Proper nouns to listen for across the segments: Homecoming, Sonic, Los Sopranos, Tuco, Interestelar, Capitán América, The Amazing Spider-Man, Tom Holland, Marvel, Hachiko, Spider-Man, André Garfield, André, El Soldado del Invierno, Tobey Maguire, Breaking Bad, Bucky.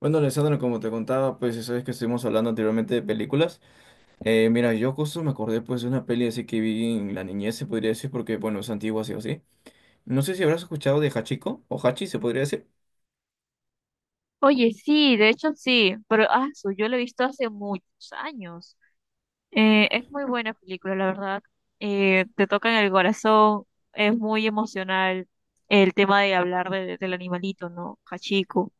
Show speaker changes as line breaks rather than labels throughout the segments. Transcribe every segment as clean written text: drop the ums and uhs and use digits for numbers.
Bueno, Alessandro, como te contaba, pues sabes que estuvimos hablando anteriormente de películas. Mira, yo justo me acordé pues de una peli así que vi en la niñez, se podría decir, porque bueno, es antigua así o así. No sé si habrás escuchado de Hachiko o Hachi, se podría decir.
Oye, sí, de hecho sí, pero yo lo he visto hace muchos años. Es muy buena película, la verdad. Te toca en el corazón, es muy emocional el tema de hablar del animalito, ¿no? Hachiko.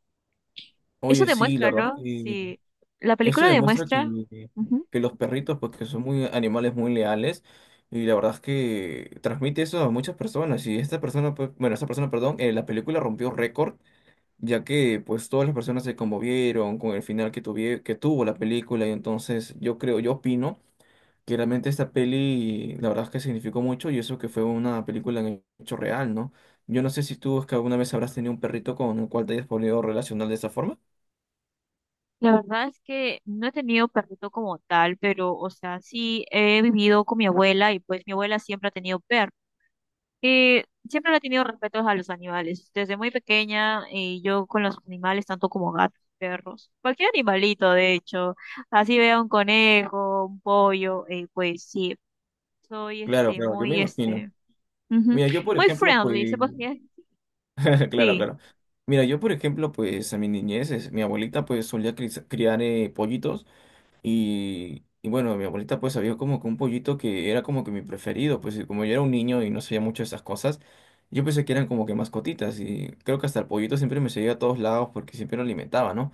Eso
Oye, sí, la
demuestra,
verdad
¿no?
que
Sí, la
esto
película
demuestra
demuestra.
que,
Ujú.
que los perritos, pues que son muy animales muy leales, y la verdad es que transmite eso a muchas personas. Y esta persona, pues, bueno, esta persona, perdón, la película rompió récord ya que pues todas las personas se conmovieron con el final que tuvo la película y entonces yo creo, yo opino que realmente esta peli la verdad es que significó mucho y eso que fue una película en hecho real, ¿no? Yo no sé si tú es que alguna vez habrás tenido un perrito con el cual te hayas podido relacionar de esa forma.
La verdad es que no he tenido perrito como tal, pero, o sea, sí he vivido con mi abuela y pues mi abuela siempre ha tenido perros. Siempre le he tenido respeto a los animales. Desde muy pequeña, yo con los animales, tanto como gatos, perros, cualquier animalito, de hecho, así vea un conejo, un pollo, pues sí, soy
Claro, claro, yo me
muy
imagino.
ujú,
Mira, yo por
muy
ejemplo,
friendly, se
pues,
podría decir.
claro,
Sí,
claro. Mira, yo por ejemplo, pues a mi niñez, mi abuelita pues solía criar pollitos. Y bueno, mi abuelita pues había como que un pollito que era como que mi preferido, pues y como yo era un niño y no sabía mucho de esas cosas, yo pensé que eran como que mascotitas y creo que hasta el pollito siempre me seguía a todos lados porque siempre lo alimentaba, ¿no?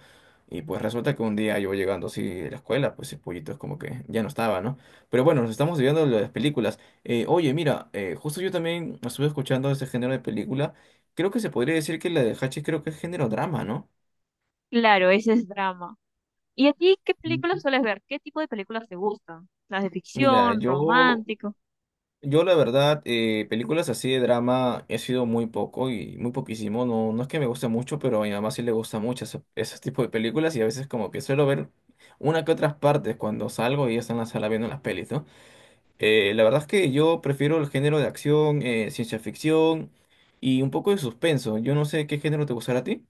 Y pues resulta que un día yo llegando así de la escuela, pues el pollito es como que ya no estaba, ¿no? Pero bueno, nos estamos viendo lo de las películas. Oye, mira, justo yo también estuve escuchando ese género de película. Creo que se podría decir que la de Hachis creo que es género drama, ¿no?
claro, ese es drama. ¿Y a ti qué películas sueles ver? ¿Qué tipo de películas te gustan? ¿Las de
Mira,
ficción,
yo
romántico?
Yo la verdad, películas así de drama he sido muy poco y muy poquísimo. No, no es que me guste mucho, pero a mi mamá sí le gusta mucho ese tipo de películas y a veces como que suelo ver una que otras partes cuando salgo y ella está en la sala viendo las pelis, ¿no? La verdad es que yo prefiero el género de acción, ciencia ficción y un poco de suspenso. Yo no sé qué género te gustará a ti.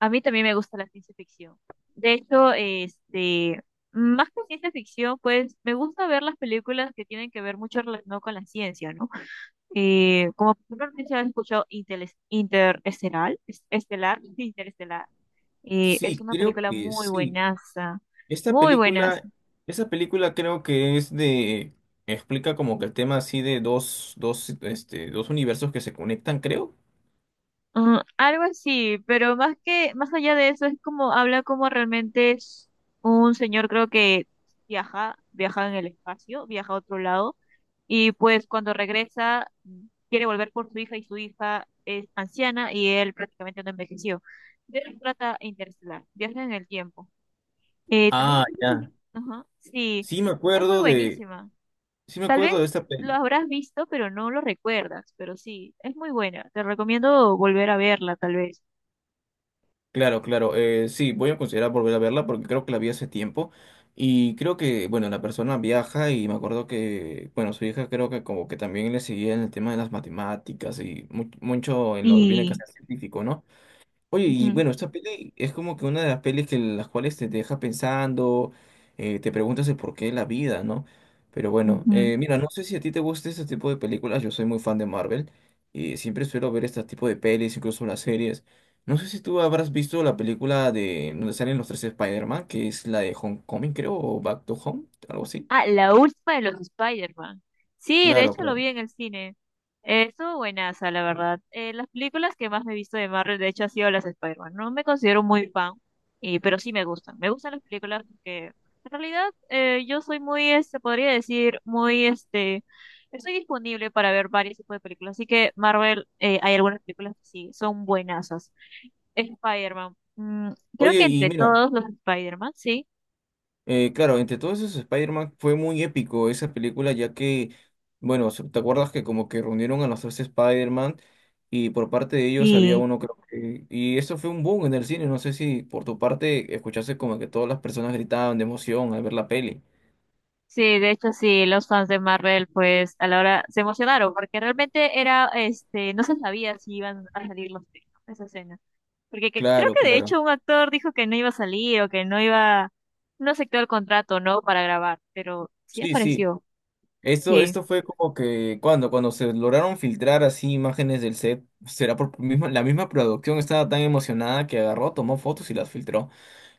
A mí también me gusta la ciencia ficción. De hecho, más que ciencia ficción, pues me gusta ver las películas que tienen que ver mucho relacionado con la ciencia, ¿no? Como por ejemplo, no sé si has escuchado Interestelar, Interestelar.
Sí,
Es una
creo
película
que
muy
sí.
buenaza,
Esta
muy buenaza.
película, esta película creo que es de, explica como que el tema así de dos universos que se conectan, creo.
Algo así, pero más allá de eso, es como, habla como realmente es un señor, creo que viaja en el espacio, viaja a otro lado. Y pues cuando regresa, quiere volver por su hija y su hija es anciana y él prácticamente no envejeció. De eso trata Interestelar, viaje en el tiempo. Eh, también,
Ah, ya.
ajá, sí,
Sí me
es muy
acuerdo de,
buenísima.
sí me
Tal
acuerdo de
vez
esta
lo
peli.
habrás visto, pero no lo recuerdas, pero sí, es muy buena. Te recomiendo volver a verla, tal vez.
Claro, claro. Sí, voy a considerar volver a verla porque creo que la vi hace tiempo. Y creo que, bueno, la persona viaja y me acuerdo que, bueno, su hija creo que como que también le seguía en el tema de las matemáticas y mucho en lo viene que
Y,
ser científico, ¿no? Oye, y
ujú,
bueno, esta peli es como que una de las pelis que las cuales te deja pensando, te preguntas el porqué de la vida, ¿no? Pero bueno,
ujú.
mira, no sé si a ti te gusta este tipo de películas, yo soy muy fan de Marvel y siempre suelo ver este tipo de pelis, incluso las series. No sé si tú habrás visto la película de donde salen los tres Spider-Man, que es la de Homecoming, creo, o Back to Home, algo así.
Ah, la última de los Spider-Man. Sí, de
Claro,
hecho lo
claro.
vi en el cine. Estuvo buenaza, la verdad. Las películas que más me he visto de Marvel, de hecho, han sido las de Spider-Man. No me considero muy fan, y, pero sí me gustan. Me gustan las películas porque en realidad yo soy muy, este, podría decir, muy, este, estoy disponible para ver varios tipos de películas. Así que Marvel, hay algunas películas que sí, son buenazas. Spider-Man. Creo
Oye,
que
y
entre
mira.
todos los Spider-Man, sí.
Claro, entre todos esos Spider-Man fue muy épico esa película, ya que, bueno, ¿te acuerdas que como que reunieron a los tres Spider-Man y por parte de ellos había
Sí.
uno, creo que. Y eso fue un boom en el cine, no sé si por tu parte escuchaste como que todas las personas gritaban de emoción al ver la peli.
Sí, de hecho sí, los fans de Marvel pues a la hora se emocionaron porque realmente era, no se sabía si iban a salir los tres, ¿no? Esa escena. Creo
Claro,
que de hecho
claro.
un actor dijo que no iba a salir o que no iba, no aceptó el contrato, ¿no? Para grabar, pero sí
Sí, sí.
apareció.
Esto,
Sí.
esto fue como que cuando se lograron filtrar así imágenes del set, será por misma, la misma producción estaba tan emocionada que agarró, tomó fotos y las filtró.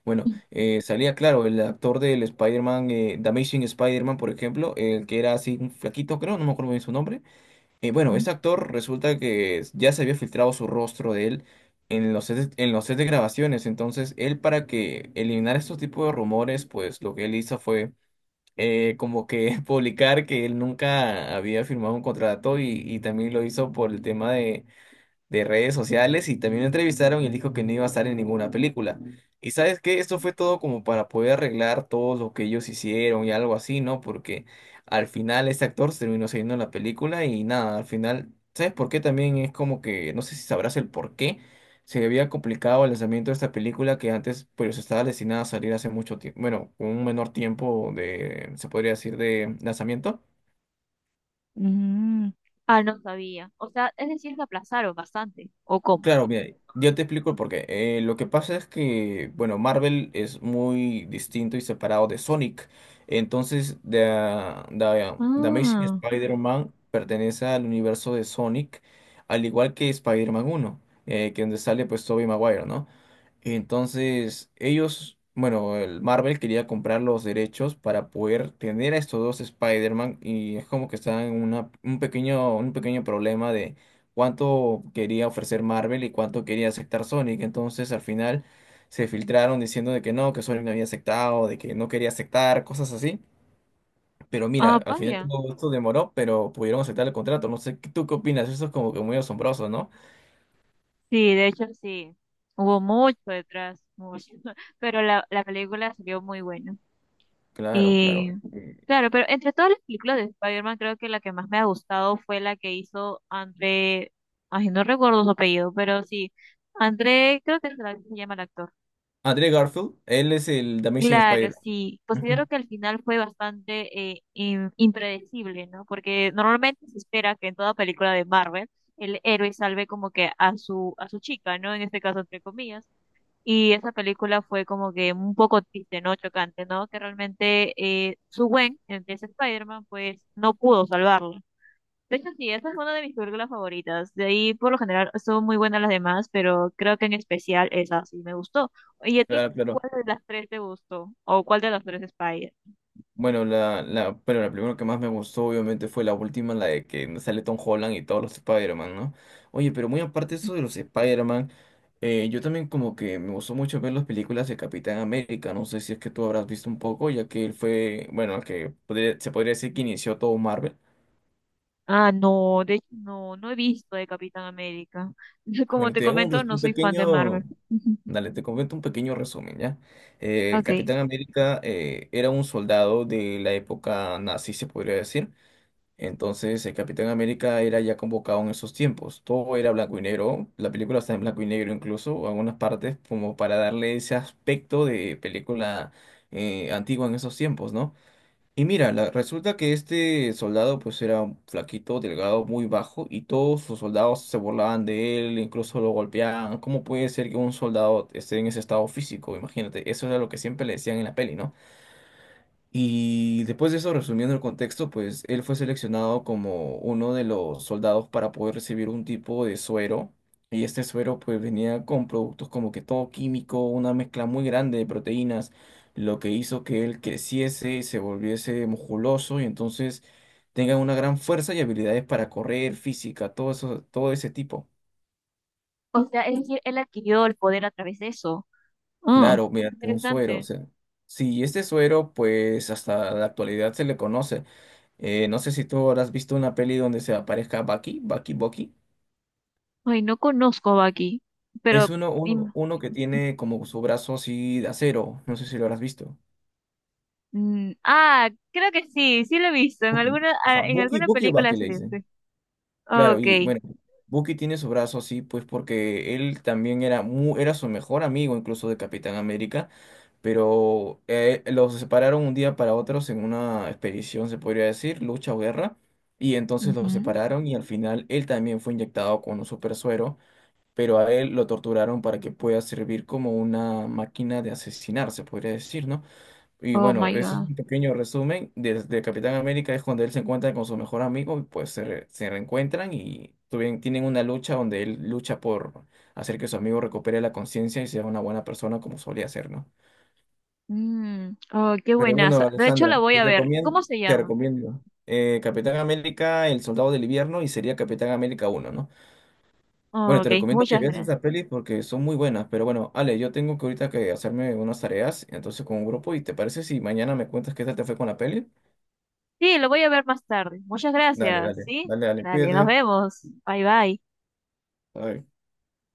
Bueno, salía claro, el actor del Spider-Man, The Amazing Spider-Man, por ejemplo, el que era así un flaquito, creo, no me acuerdo bien su nombre. Bueno,
Ujú.
este actor resulta que ya se había filtrado su rostro de él en los sets de grabaciones. Entonces, él para que eliminara estos tipos de rumores, pues lo que él hizo fue como que publicar que él nunca había firmado un contrato y también lo hizo por el tema de redes sociales y también lo entrevistaron y él dijo que no iba a estar en ninguna película. Y sabes qué, esto fue todo como para poder arreglar todo lo que ellos hicieron y algo así, ¿no? Porque al final este actor se terminó saliendo en la película y nada, al final, ¿sabes por qué? También es como que, no sé si sabrás el por qué. Se había complicado el lanzamiento de esta película que antes pues estaba destinada a salir hace mucho tiempo, bueno, con un menor tiempo de, se podría decir, de lanzamiento.
Mm. Ah, no sabía. O sea, es decir, que aplazaron bastante. ¿O cómo?
Claro, mira, yo te explico el porqué. Lo que pasa es que, bueno, Marvel es muy distinto y separado de Sonic. Entonces, The Amazing
Ah,
Spider-Man pertenece al universo de Sonic, al igual que Spider-Man 1, que donde sale pues Tobey Maguire, ¿no? Entonces, ellos, bueno, el Marvel quería comprar los derechos para poder tener a estos dos Spider-Man y es como que estaban en un pequeño problema de cuánto quería ofrecer Marvel y cuánto quería aceptar Sonic. Entonces, al final se filtraron diciendo de que no, que Sonic no había aceptado, de que no quería aceptar, cosas así. Pero
ah,
mira, al final
vaya.
todo esto demoró, pero pudieron aceptar el contrato. No sé, ¿tú qué opinas? Eso es como que muy asombroso, ¿no?
Sí, de hecho sí. Hubo mucho detrás, mucho. Pero la película salió muy buena.
Claro, claro.
Eh, claro, pero entre todas las películas de Spider-Man, creo que la que más me ha gustado fue la que hizo André, ay, no recuerdo su apellido, pero sí, André, creo que se llama el actor.
André Garfield, él es el The Amazing
Claro,
Spider-Man.
sí, considero
Ujú,
que al final fue bastante impredecible, ¿no? Porque normalmente se espera que en toda película de Marvel el héroe salve como que a a su chica, ¿no? En este caso, entre comillas, y esa película fue como que un poco triste, ¿no? Chocante, ¿no? Que realmente su Gwen, el que es Spider-Man, pues no pudo salvarlo. De hecho, sí, esa es una de mis películas favoritas. De ahí, por lo general, son muy buenas las demás, pero creo que en especial esa sí me gustó. ¿Y a ti
claro, claro.
cuál de las tres te gustó? ¿O cuál de las tres Spider?
Bueno, pero la primera que más me gustó, obviamente, fue la última, la de que sale Tom Holland y todos los Spider-Man, ¿no? Oye, pero muy aparte de eso de los Spider-Man, yo también como que me gustó mucho ver las películas de Capitán América. No sé si es que tú habrás visto un poco, ya que él fue, bueno, el que se podría decir que inició todo Marvel.
Ah, no, de hecho, no, no he visto de Capitán América.
A
Como
ver,
te
te hago un,
comento,
res-
no
un
soy fan de
pequeño.
Marvel. Ujú.
Dale, te comento un pequeño resumen, ¿ya? El
Ok.
Capitán América era un soldado de la época nazi, se podría decir. Entonces, el Capitán América era ya convocado en esos tiempos. Todo era blanco y negro. La película está en blanco y negro incluso, algunas partes, como para darle ese aspecto de película antigua en esos tiempos, ¿no? Y mira, resulta que este soldado pues era un flaquito, delgado, muy bajo, y todos sus soldados se burlaban de él, incluso lo golpeaban. ¿Cómo puede ser que un soldado esté en ese estado físico? Imagínate, eso era lo que siempre le decían en la peli, ¿no? Y después de eso, resumiendo el contexto, pues él fue seleccionado como uno de los soldados para poder recibir un tipo de suero. Y este suero pues venía con productos como que todo químico, una mezcla muy grande de proteínas, lo que hizo que él creciese y se volviese musculoso y entonces tenga una gran fuerza y habilidades para correr, física, todo eso, todo ese tipo.
O sea, es decir, él adquirió el poder a través de eso. Ah,
Claro, mediante un suero, o
interesante.
sea. Sí, este suero, pues hasta la actualidad se le conoce. No sé si tú habrás visto una peli donde se aparezca Bucky, Bucky, Bucky.
Ay, no conozco a Baki,
Es
pero...
uno, uno,
im-
uno que tiene como su brazo así de acero. No sé si lo habrás visto.
creo que sí, sí lo he visto. En
Bucky.
alguna,
Ajá,
en
Bucky,
alguna
Bucky o
película
Bucky le
excelente.
dicen. Claro, y
Okay.
bueno, Bucky tiene su brazo así, pues porque él también era su mejor amigo, incluso de Capitán América. Pero los separaron un día para otros en una expedición, se podría decir, lucha o guerra, y entonces los
Ujú.
separaron y al final él también fue inyectado con un super suero, pero a él lo torturaron para que pueda servir como una máquina de asesinar, se podría decir, ¿no? Y
Oh,
bueno,
my
eso es
God.
un pequeño resumen. Desde Capitán América es cuando él se encuentra con su mejor amigo, y pues se reencuentran y tienen una lucha donde él lucha por hacer que su amigo recupere la conciencia y sea una buena persona como solía ser, ¿no?
Oh, qué
Pero bueno,
buenaza. De hecho, la
Alessandra,
voy
te
a ver. ¿Cómo
recomiendo,
se
te
llama?
recomiendo Capitán América, El Soldado del Invierno y sería Capitán América uno, ¿no?
Oh,
Bueno, te
ok,
recomiendo que
muchas
veas
gracias.
esas pelis porque son muy buenas, pero bueno, Ale, yo tengo que ahorita que hacerme unas tareas, entonces con un grupo, ¿y te parece si mañana me cuentas qué tal te fue con la peli?
Sí, lo voy a ver más tarde. Muchas
Dale,
gracias,
dale,
¿sí?
dale, dale,
Dale, nos
cuídate.
vemos. Bye, bye.
Bye.